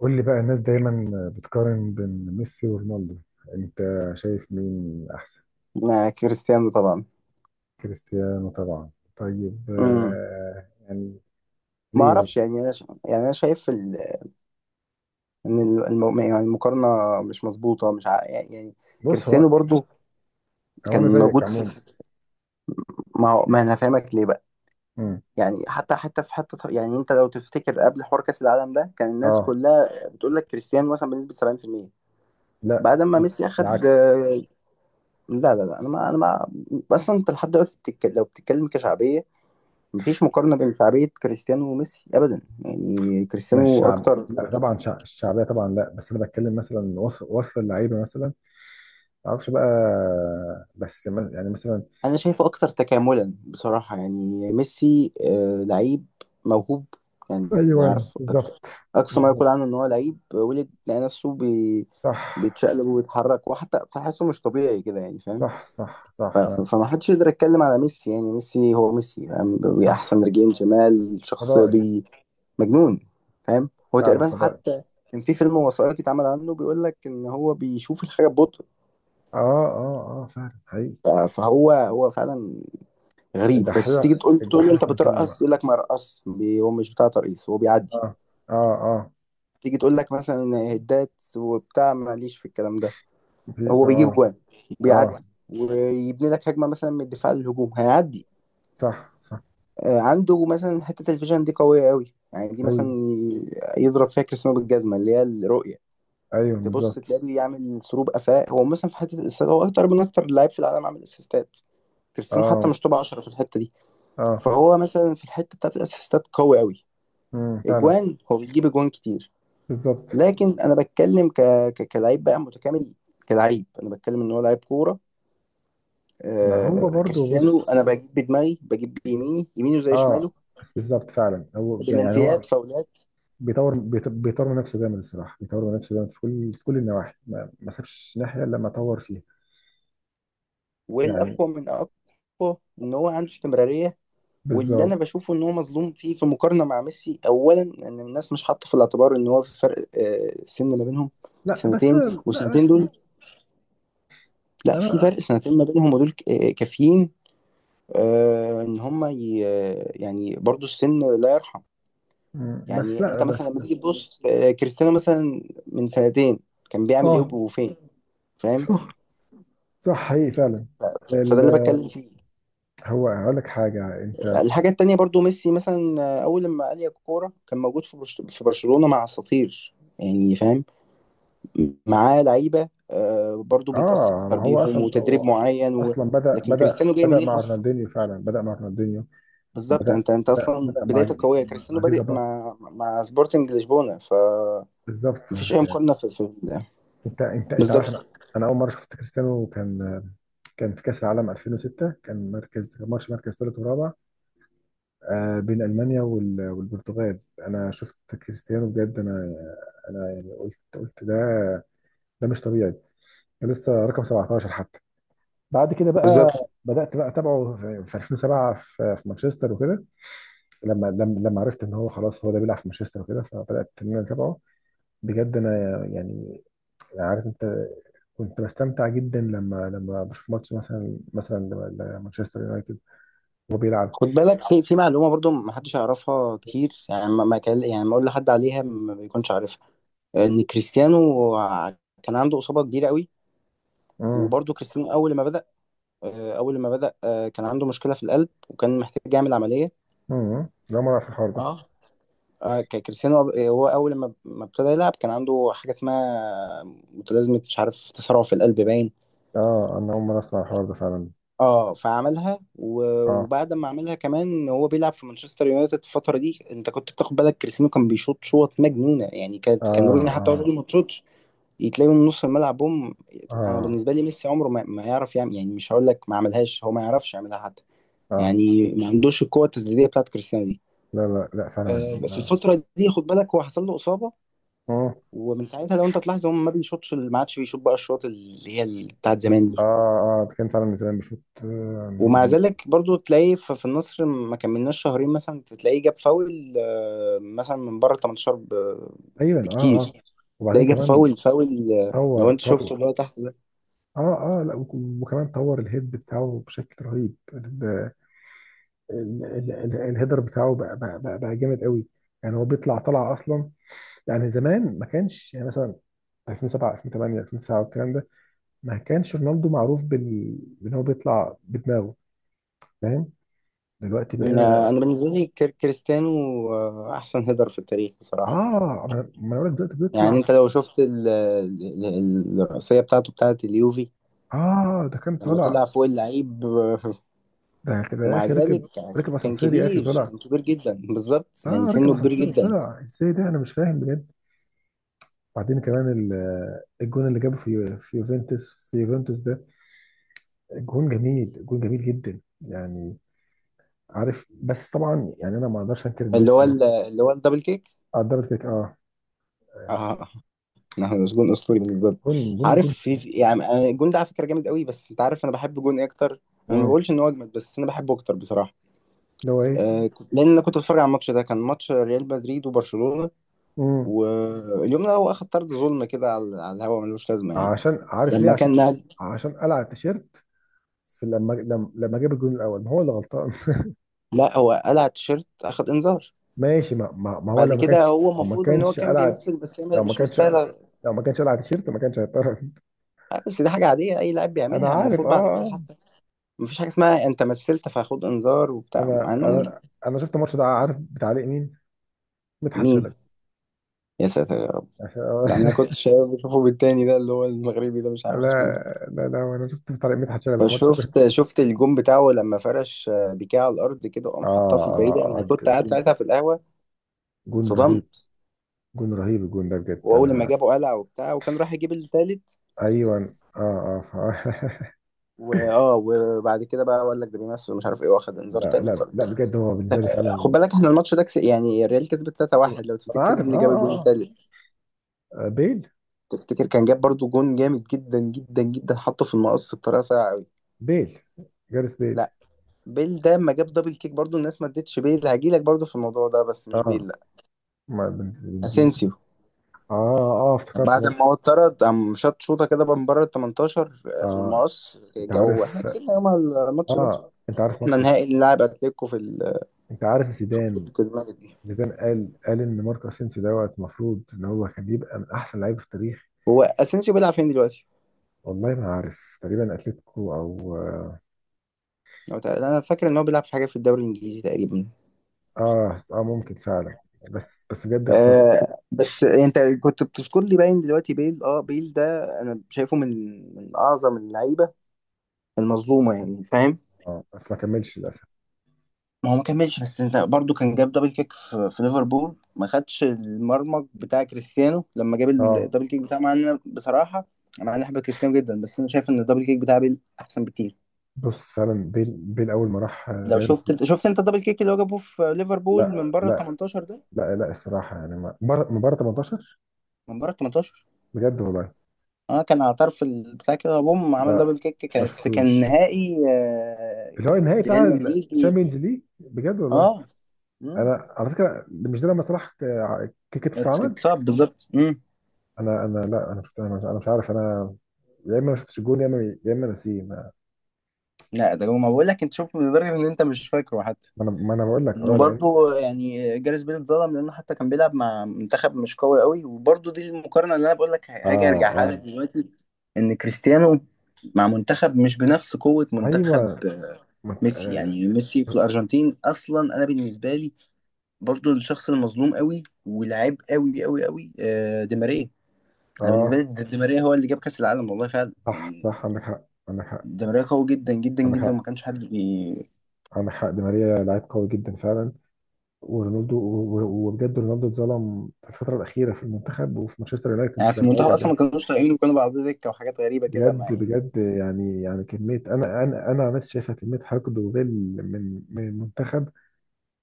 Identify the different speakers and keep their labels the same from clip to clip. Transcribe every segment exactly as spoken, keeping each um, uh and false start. Speaker 1: قول لي بقى، الناس دايما بتقارن بين ميسي ورونالدو. انت شايف مين احسن؟
Speaker 2: مع كريستيانو طبعا.
Speaker 1: كريستيانو طبعا. طيب،
Speaker 2: امم
Speaker 1: آه يعني
Speaker 2: ما
Speaker 1: ليه بقى؟
Speaker 2: اعرفش، يعني انا ش... يعني انا شايف ال... ان ال- الم... يعني المقارنه مش مظبوطه، مش ع... يعني.
Speaker 1: بص، هو
Speaker 2: كريستيانو برضو
Speaker 1: هو انا
Speaker 2: كان
Speaker 1: زيك
Speaker 2: موجود في
Speaker 1: عموما.
Speaker 2: في- ما هو- ما انا فاهمك ليه بقى.
Speaker 1: مم.
Speaker 2: يعني حتى حتى في حته، يعني انت لو تفتكر قبل حوار كاس العالم ده كان الناس
Speaker 1: اه،
Speaker 2: كلها بتقول لك كريستيانو مثلا بنسبه سبعين في المية.
Speaker 1: لا
Speaker 2: بعد ما
Speaker 1: لا،
Speaker 2: ميسي اخد
Speaker 1: العكس.
Speaker 2: آه، لا لا لا انا ما انا ما. اصلا انت لحد دلوقتي بتتك... لو بتتكلم كشعبيه، مفيش مقارنه بين شعبيه كريستيانو وميسي ابدا، يعني
Speaker 1: مش
Speaker 2: كريستيانو
Speaker 1: شعب،
Speaker 2: اكتر.
Speaker 1: لا طبعا، شع... الشعبيه طبعا، لا. بس انا بتكلم مثلا، وصل وصل اللعيبه مثلا. ما اعرفش بقى. بس، ما- يعني مثلا.
Speaker 2: انا شايفه اكتر تكاملا بصراحه، يعني ميسي آه، لعيب موهوب، يعني
Speaker 1: ايوه
Speaker 2: يعرف أك-
Speaker 1: بالظبط.
Speaker 2: اقصى ما يقول
Speaker 1: بالظبط.
Speaker 2: عنه ان هو لعيب ولد لقى نفسه بي...
Speaker 1: صح
Speaker 2: بيتشقلب وبيتحرك وحتى بتحسه مش طبيعي كده، يعني فاهم.
Speaker 1: صح صح
Speaker 2: ف-
Speaker 1: صح. انا
Speaker 2: فما حدش يقدر يتكلم على ميسي، يعني ميسي هو ميسي، فاهم،
Speaker 1: صح.
Speaker 2: بأحسن رجلين شمال، شخص
Speaker 1: فضائي.
Speaker 2: بي مجنون، فاهم. هو
Speaker 1: فعلا
Speaker 2: تقريبا
Speaker 1: فضائي.
Speaker 2: حتى كان في فيلم وثائقي اتعمل عنه، بيقول لك ان هو بيشوف الحاجه ببطء.
Speaker 1: اه اه اه، فعلا حقيقي.
Speaker 2: ف- فهو هو فعلا غريب، بس
Speaker 1: الدحيح
Speaker 2: تيجي تقول تقول له
Speaker 1: الدحيح
Speaker 2: انت
Speaker 1: كان كلام.
Speaker 2: بترقص، يقول لك ما رقص. هو مش بتاع ترقيص، هو بيعدي.
Speaker 1: اه اه اه.
Speaker 2: تيجي تقول لك مثلا هدات وبتاع، ماليش في الكلام ده.
Speaker 1: في
Speaker 2: هو بيجيب
Speaker 1: اه
Speaker 2: جوان،
Speaker 1: اه.
Speaker 2: بيعدي ويبني لك هجمه مثلا من الدفاع للهجوم هيعدي.
Speaker 1: صح صح.
Speaker 2: آه، عنده مثلا حته الفيجن دي قويه قوي، يعني دي مثلا
Speaker 1: أوي.
Speaker 2: ي- يضرب فيها كريستيانو بالجزمه، اللي هي الرؤيه.
Speaker 1: ايوه
Speaker 2: تبص
Speaker 1: بالظبط.
Speaker 2: تلاقيه بيعمل سروب قفاء. هو مثلا في حته الاسيستات هو اكتر من اكتر لاعب في العالم عامل اسيستات، كريستيانو حتى
Speaker 1: اه
Speaker 2: مش توب عشرة في الحته دي.
Speaker 1: اه.
Speaker 2: فهو مثلا في الحته بتاعت الاسيستات قوي قوي.
Speaker 1: امم فعلا.
Speaker 2: اجوان، هو بيجيب اجوان كتير.
Speaker 1: بالظبط.
Speaker 2: لكن انا بتكلم ك... ك... كلاعب بقى متكامل، كلاعب. انا بتكلم ان هو لاعب كوره.
Speaker 1: ما هو
Speaker 2: آه...
Speaker 1: برضو،
Speaker 2: كريستيانو
Speaker 1: بص.
Speaker 2: انا بجيب بدماغي، بجيب بيميني، يمينه زي
Speaker 1: اه.
Speaker 2: شماله،
Speaker 1: بالظبط فعلا، هو يعني هو
Speaker 2: بلانتيات، فاولات.
Speaker 1: بيطور، بيط- بيطور من نفسه جامد الصراحه. بيطور من نفسه جامد في كل في كل النواحي، ما, ما سابش ناحيه الا لما طور فيها. يعني
Speaker 2: والاقوى من اقوى ان هو عنده استمراريه. واللي انا
Speaker 1: بالظبط.
Speaker 2: بشوفه ان هو مظلوم فيه في مقارنه مع ميسي. اولا ان الناس مش حاطه في الاعتبار ان هو في فرق آه... سن ما بينهم،
Speaker 1: لا بس.
Speaker 2: سنتين،
Speaker 1: لا
Speaker 2: والسنتين
Speaker 1: بس
Speaker 2: دول. لا في
Speaker 1: انا.
Speaker 2: فرق سنتين ما بينهم، ودول ك- آه، كافيين. آه، ان هم ي... يعني برضو السن لا يرحم.
Speaker 1: مم، بس
Speaker 2: يعني
Speaker 1: لا
Speaker 2: انت مثلا
Speaker 1: بس.
Speaker 2: لما تيجي تبص آه، كريستيانو مثلا من سنتين كان بيعمل ايه
Speaker 1: اه،
Speaker 2: وفين، فاهم.
Speaker 1: صح حقيقي فعلا.
Speaker 2: فده اللي بتكلم
Speaker 1: ال-
Speaker 2: فيه.
Speaker 1: هو هقول لك حاجه. انت
Speaker 2: الحاجة التانية برضو ميسي مثلا آه، أول لما قال يا كورة كان موجود في برش- في برشلونة مع أساطير، يعني فاهم، معاه لعيبة آه، برضو بيتأثر
Speaker 1: اه، ما هو
Speaker 2: بيهم،
Speaker 1: اصلا
Speaker 2: وتدريب
Speaker 1: هو،
Speaker 2: معين و...
Speaker 1: اصلا بدا
Speaker 2: لكن
Speaker 1: بدا
Speaker 2: كريستيانو جاي
Speaker 1: بدا
Speaker 2: منين
Speaker 1: مع
Speaker 2: أصلا؟
Speaker 1: رونالدينيو. فعلا بدا مع رونالدينيو.
Speaker 2: بالظبط.
Speaker 1: بدا
Speaker 2: انت انت
Speaker 1: بدا
Speaker 2: اصلا
Speaker 1: بدا مع
Speaker 2: بدايتك قويه،
Speaker 1: مع
Speaker 2: كريستيانو
Speaker 1: جيل
Speaker 2: بادئ
Speaker 1: جبار.
Speaker 2: مع مع سبورتنج لشبونه. ف
Speaker 1: بالظبط.
Speaker 2: مفيش اي مقارنه في, في
Speaker 1: انت انت انت عارف.
Speaker 2: بالظبط.
Speaker 1: انا، انا اول مره شفت كريستيانو كان كان في كاس العالم ألفين وستة، كان مركز ماتش، مركز ثالث ورابع، آه، بين المانيا وال- والبرتغال. انا شفت كريستيانو بجد. انا، انا يعني قلت قلت ده، ده مش طبيعي، ده لسه رقم سبعة عشر حتى. بعد كده بقى
Speaker 2: بالظبط،
Speaker 1: بدات بقى اتابعه في في ألفين وسبعة في في مانشستر وكده. لما لما لما عرفت ان هو خلاص هو ده بيلعب في مانشستر وكده، فبدات ان انا اتابعه بجد. انا يعني، عارف انت، كنت بستمتع جدا لما لما بشوف ماتش، مثلا مثلا ل- لمانشستر يونايتد وهو بيلعب.
Speaker 2: خد بالك في في معلومه برضو ما حدش يعرفها كتير، يعني ما ما كان يعني ما اقول لحد عليها ما بيكونش عارفها، ان كريستيانو ع- كان عنده اصابه كبيره قوي.
Speaker 1: امم
Speaker 2: وبرضو كريستيانو اول ما بدا آه، اول ما بدا آه، كان عنده مشكله في القلب وكان محتاج يعمل عمليه.
Speaker 1: امم لا، ما اعرف الحوار ده.
Speaker 2: اه آه، ك- كريستيانو آه، هو اول ما ما ابتدى يلعب كان عنده حاجه اسمها متلازمه مش عارف تسرع في القلب باين.
Speaker 1: اه، انا اول مره اسمع الحوار ده فعلا.
Speaker 2: اه فعملها و-
Speaker 1: اه
Speaker 2: وبعد ما عملها كمان هو بيلعب في مانشستر يونايتد. الفتره دي انت كنت بتاخد بالك كريستيانو كان بيشوط شوط مجنونه، يعني
Speaker 1: اه
Speaker 2: كانت كان روني حتى هو
Speaker 1: اه.
Speaker 2: بيقول ما تشوطش، يتلاقي من نص الملعب بوم. انا
Speaker 1: اه
Speaker 2: بالنسبه لي ميسي عمره ما, ما يعرف يعمل. يعني مش هقول لك ما عملهاش، هو ما يعرفش يعملها حتى.
Speaker 1: اه.
Speaker 2: يعني ما عندوش القوه التسديديه بتاعت كريستيانو دي.
Speaker 1: لا لا لا، فعلا.
Speaker 2: آه في
Speaker 1: اه
Speaker 2: الفتره دي خد بالك هو حصل له اصابه،
Speaker 1: اه
Speaker 2: ومن ساعتها لو انت تلاحظ هو ما بيشوطش، ما عادش بيشوط بقى الشوط اللي هي ال- بتاعت زمان
Speaker 1: اه.
Speaker 2: دي.
Speaker 1: آه، ده كان فعلا من زمان بشوط. آه،
Speaker 2: ومع ذلك برضو تلاقي ف- في النصر ما كملناش شهرين مثلا، تلاقيه جاب فاول آه، مثلا من بره تمنتاشر ب-
Speaker 1: ايوه اه اه.
Speaker 2: بكتير.
Speaker 1: وبعدين
Speaker 2: تلاقيه جاب
Speaker 1: كمان
Speaker 2: فاول فاول آه، لو
Speaker 1: طور
Speaker 2: انت شفته
Speaker 1: طور.
Speaker 2: اللي هو تحت ده.
Speaker 1: اه اه، لا، وك- وكمان طور الهيد بتاعه بشكل رهيب. ال- ال- ال- ال- الهيدر بتاعه بقى، بقى, بقى, بقى جامد قوي. يعني هو بيطلع، طلع اصلا. يعني زمان ما كانش، يعني مثلا ألفين وسبعة، ألفين وتمنية، ألفين وتسعة والكلام ده، ما كانش رونالدو معروف بال بان هو بيطلع بدماغه. فاهم؟ دلوقتي
Speaker 2: آه،
Speaker 1: بقينا،
Speaker 2: انا بالنسبه لي كر- كريستيانو آه، احسن هيدر في التاريخ
Speaker 1: اه.
Speaker 2: بصراحه.
Speaker 1: ما أنا- ما انا بقول لك، دلوقتي بيطلع.
Speaker 2: يعني انت لو شفت ال- ال- ال- الرأسية بتاعته بتاعت اليوفي
Speaker 1: اه، ده كان
Speaker 2: لما
Speaker 1: طالع.
Speaker 2: طلع فوق اللعيب. آه،
Speaker 1: ده كده يا
Speaker 2: ومع
Speaker 1: اخي ركب،
Speaker 2: ذلك
Speaker 1: ركب
Speaker 2: كان
Speaker 1: اسانسير يا اخي
Speaker 2: كبير،
Speaker 1: طالع.
Speaker 2: كان كبير جدا بالظبط،
Speaker 1: اه،
Speaker 2: يعني
Speaker 1: ركب
Speaker 2: سنه كبير
Speaker 1: اسانسير
Speaker 2: جدا.
Speaker 1: وطلع ازاي ده؟ انا مش فاهم بجد. وبعدين كمان ال- آه، الجون اللي جابه في يو- في يوفنتوس، في يوفنتوس ده، جون جميل، جون جميل جدا يعني. عارف، بس طبعا يعني انا ما اقدرش انكر ان
Speaker 2: اللي هو
Speaker 1: ميسي
Speaker 2: ال- اللي هو الدبل كيك.
Speaker 1: قدرت لك، اه. آه،
Speaker 2: اه نحمد، بس جون اسطوري بالنسبه لي.
Speaker 1: جون جون
Speaker 2: عارف
Speaker 1: جون.
Speaker 2: في في- يعني أنا- الجون ده على فكره جامد قوي، بس انت عارف انا بحب جون إيه اكتر. انا ما
Speaker 1: مم.
Speaker 2: بقولش ان هو اجمد، بس انا بحبه اكتر بصراحه.
Speaker 1: اللي هو ايه؟
Speaker 2: آه كنت- لان انا كنت بتفرج على الماتش ده، كان ماتش ريال مدريد وبرشلونه.
Speaker 1: مم.
Speaker 2: واليوم ده هو اخد طرد ظلم كده على على الهوا، ملوش لازمه يعني.
Speaker 1: عشان، عارف ليه؟
Speaker 2: لما كان
Speaker 1: عشان،
Speaker 2: نهج...
Speaker 1: عشان قلع التيشيرت في لما لما لما جاب الجون الاول. ما هو اللي غلطان
Speaker 2: لا، هو قلع التيشيرت اخد انذار،
Speaker 1: ماشي، ما, ما, ما هو
Speaker 2: بعد
Speaker 1: لو ما
Speaker 2: كده
Speaker 1: كانش،
Speaker 2: هو
Speaker 1: لو ما
Speaker 2: المفروض ان هو
Speaker 1: كانش
Speaker 2: كان
Speaker 1: قلع،
Speaker 2: بيمثل، بس هي
Speaker 1: لو ما
Speaker 2: مش
Speaker 1: كانش،
Speaker 2: مستاهله.
Speaker 1: لو ما كانش قلع التيشيرت ما كانش هيضطر.
Speaker 2: آه، بس دي حاجه عاديه اي لاعب
Speaker 1: انا
Speaker 2: بيعملها
Speaker 1: عارف
Speaker 2: المفروض بعد
Speaker 1: اه
Speaker 2: كده
Speaker 1: اه.
Speaker 2: حتى. مفيش حاجه اسمها انت مثلت فهاخد انذار وبتاع، مع
Speaker 1: انا
Speaker 2: انهم.
Speaker 1: انا انا شفت الماتش ده، عارف بتعليق مين؟ مدحت
Speaker 2: مين؟
Speaker 1: شلبي.
Speaker 2: يا ساتر.
Speaker 1: عشان-
Speaker 2: لا انا كنت شايف بشوفه بالتاني ده اللي هو المغربي ده مش
Speaker 1: لا
Speaker 2: عارف اسمه ايه.
Speaker 1: لا لا، انا شفت بتعليق مدحت شلبي الماتش ده.
Speaker 2: فشفت شفت الجون بتاعه لما فرش آه، بيكيه على الارض كده،
Speaker 1: اه
Speaker 2: وقام حطها في البعيده.
Speaker 1: اه
Speaker 2: انا
Speaker 1: اه،
Speaker 2: كنت قاعد
Speaker 1: جون،
Speaker 2: ساعتها في القهوه،
Speaker 1: جون رهيب.
Speaker 2: اتصدمت.
Speaker 1: جون رهيب، الجون ده بجد
Speaker 2: واول لما
Speaker 1: انا.
Speaker 2: جابه قلع وبتاع، وكان راح يجيب التالت.
Speaker 1: ايوه اه اه، ف-
Speaker 2: واه وبعد كده بقى قال لك ده بيمثل مش عارف ايه، واخد انذار
Speaker 1: لا
Speaker 2: تاني
Speaker 1: لا
Speaker 2: وطرد.
Speaker 1: لا، بجد هو بالنسبه لي
Speaker 2: خد
Speaker 1: فعلا.
Speaker 2: بالك احنا الماتش ده كس... يعني الريال كسبت تلاته واحد. لو
Speaker 1: انا
Speaker 2: تفتكر مين
Speaker 1: عارف اه
Speaker 2: اللي جاب الجون
Speaker 1: اه.
Speaker 2: التالت؟
Speaker 1: اه، بيل.
Speaker 2: تفتكر كان جاب برضو جون جامد جدا جدا جدا، حطه في المقص بطريقه سيئه قوي.
Speaker 1: بيل، جاريس بيل.
Speaker 2: لا بيل ده لما جاب دبل كيك برضو الناس ما ادتش بيل، هجيلك برضو في الموضوع ده، بس مش
Speaker 1: اه،
Speaker 2: بيل لا.
Speaker 1: ما بنز- بنزين.
Speaker 2: اسينسيو.
Speaker 1: اه. اه، افتكرت
Speaker 2: بعد
Speaker 1: مارك.
Speaker 2: ما هو اتطرد قام شاط شوطه كده بقى من بره ال تمنتاشر في
Speaker 1: اه،
Speaker 2: المقص
Speaker 1: انت
Speaker 2: جو، احنا
Speaker 1: عارف.
Speaker 2: كسبنا يومها الماتش ده.
Speaker 1: اه، انت عارف
Speaker 2: واحنا
Speaker 1: ماركوس.
Speaker 2: نهائي نلعب اتلتيكو في ال-
Speaker 1: انت عارف
Speaker 2: في
Speaker 1: زيدان،
Speaker 2: بطوله الملك دي.
Speaker 1: زيدان قال قال ان ماركو اسينسيو دوت المفروض ان هو كان يبقى من احسن لعيبه في التاريخ.
Speaker 2: هو اسينسيو بيلعب فين دلوقتي؟
Speaker 1: والله ما عارف، تقريبا اتلتيكو او.
Speaker 2: لو تع- انا فاكر ان هو بيلعب في حاجه في الدوري الانجليزي تقريبا.
Speaker 1: اه اه، ممكن فعلا. بس بس بجد خسرت.
Speaker 2: آه بس انت كنت بتذكر لي، باين دلوقتي بيل. اه بيل ده انا شايفه من من اعظم اللعيبه المظلومه، يعني فاهم.
Speaker 1: اه، بس ما كملش للاسف.
Speaker 2: ما هو ما كملش، بس انت برضو كان جاب دبل كيك في, في ليفربول، ما خدش المرمج بتاع كريستيانو لما جاب
Speaker 1: اه،
Speaker 2: الدبل كيك بتاعه، مع ان انا بصراحه انا انا بحب كريستيانو جدا، بس انا شايف ان الدبل كيك بتاع بيل احسن بكتير.
Speaker 1: بص فعلا، بيل، بيل اول ما راح
Speaker 2: لو
Speaker 1: ريال مدريد.
Speaker 2: شفت شفت انت الدبل كيك اللي هو جابه في ليفربول من
Speaker 1: لا
Speaker 2: بره ال
Speaker 1: لا.
Speaker 2: تمنتاشر ده،
Speaker 1: لا لا، الصراحه يعني، ما- مبار- مباراه تمنتاشر،
Speaker 2: من بره ال تمنتاشر
Speaker 1: بجد والله.
Speaker 2: اه كان على طرف البتاع كده بوم عمل دبل
Speaker 1: لا،
Speaker 2: كيك.
Speaker 1: ما
Speaker 2: كانت كان
Speaker 1: شفتوش،
Speaker 2: نهائي
Speaker 1: اللي هو
Speaker 2: آه،
Speaker 1: النهائي
Speaker 2: ريال
Speaker 1: بتاع
Speaker 2: مدريد و-
Speaker 1: الشامبيونز ليج، بجد والله.
Speaker 2: اه. مم.
Speaker 1: انا على فكره، مش ده لما صلاح ك- كتف اتعمل؟
Speaker 2: اتصاب بالظبط. مم.
Speaker 1: انا انا لا، انا شفت، انا مش, أنا مش عارف. انا يا اما ما شفتش الجون، يا اما، يا اما نسيه. ما
Speaker 2: لا ده هو- ما بقول لك انت شوف لدرجه ان انت مش فاكره حتى.
Speaker 1: ما انا ما انا بقول لك اه، لان،
Speaker 2: وبرضه يعني جاريث بيل اتظلم لانه حتى كان بيلعب مع منتخب مش قوي قوي. وبرضه دي المقارنه اللي انا بقول لك هاجي
Speaker 1: اه
Speaker 2: ارجعها
Speaker 1: اه.
Speaker 2: لك دلوقتي، ان كريستيانو مع منتخب مش بنفس قوه منتخب
Speaker 1: ايوه،
Speaker 2: آه،
Speaker 1: ما انت،
Speaker 2: ميسي.
Speaker 1: اه،
Speaker 2: يعني ميسي في الارجنتين اصلا انا بالنسبه لي برضه الشخص المظلوم قوي، واللعيب قوي قوي قوي آه، دي ماريا. انا بالنسبه
Speaker 1: آه،
Speaker 2: لي دي ماريا هو اللي جاب كاس العالم والله فعلا
Speaker 1: صح
Speaker 2: يعني.
Speaker 1: صح، عندك حق. عندك حق.
Speaker 2: دي ماريا قوي جدا جدا
Speaker 1: عندك
Speaker 2: جدا،
Speaker 1: حق.
Speaker 2: وما كانش حد بي...
Speaker 1: عندك حق، دي ماريا لعيب قوي جدا فعلا. ورونالدو و- و- وبجد رونالدو اتظلم في الفتره الاخيره في المنتخب وفي مانشستر يونايتد
Speaker 2: يعني في
Speaker 1: لما
Speaker 2: المنتخب
Speaker 1: رجع تاني.
Speaker 2: اصلا ما كانوش طايقينه، وكانوا بعض دكه وحاجات غريبه كده، ما
Speaker 1: بجد
Speaker 2: يعني
Speaker 1: بجد، يعني يعني كميه، انا انا انا عن نفسي شايفها كميه حقد وغل من من المنتخب،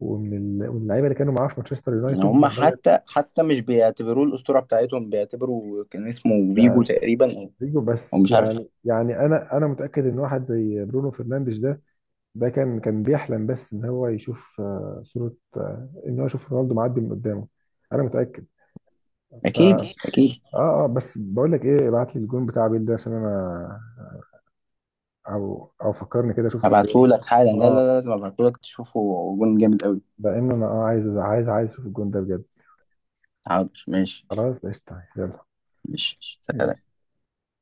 Speaker 1: ومن ال- ومن اللعيبه اللي كانوا معاه في مانشستر
Speaker 2: ان
Speaker 1: يونايتد
Speaker 2: هم
Speaker 1: لما رجع.
Speaker 2: حتى حتى مش بيعتبروه الاسطوره بتاعتهم، بيعتبروا كان اسمه فيجو
Speaker 1: يعني
Speaker 2: تقريبا، او
Speaker 1: رودريجو.
Speaker 2: أو
Speaker 1: بس
Speaker 2: مش عارف.
Speaker 1: يعني، يعني انا انا متاكد ان واحد زي برونو فرنانديز ده، ده كان كان بيحلم بس ان هو يشوف، آه، صوره، آه، ان هو يشوف رونالدو معدي من قدامه. انا متاكد. ف اه
Speaker 2: اكيد اكيد.
Speaker 1: اه، بس بقول لك ايه، ابعت لي الجون بتاع بيل ده عشان انا، او او فكرني كده اشوفه فين.
Speaker 2: هبعته لك حالا، لا لا لا، لازم ابعته لك تشوفه، جون جامد قوي.
Speaker 1: لان انا، اه عايز، عايز عايز اشوف الجون ده بجد.
Speaker 2: حاضر ماشي.
Speaker 1: خلاص قشطه.
Speaker 2: ماشي سلام.
Speaker 1: يلا.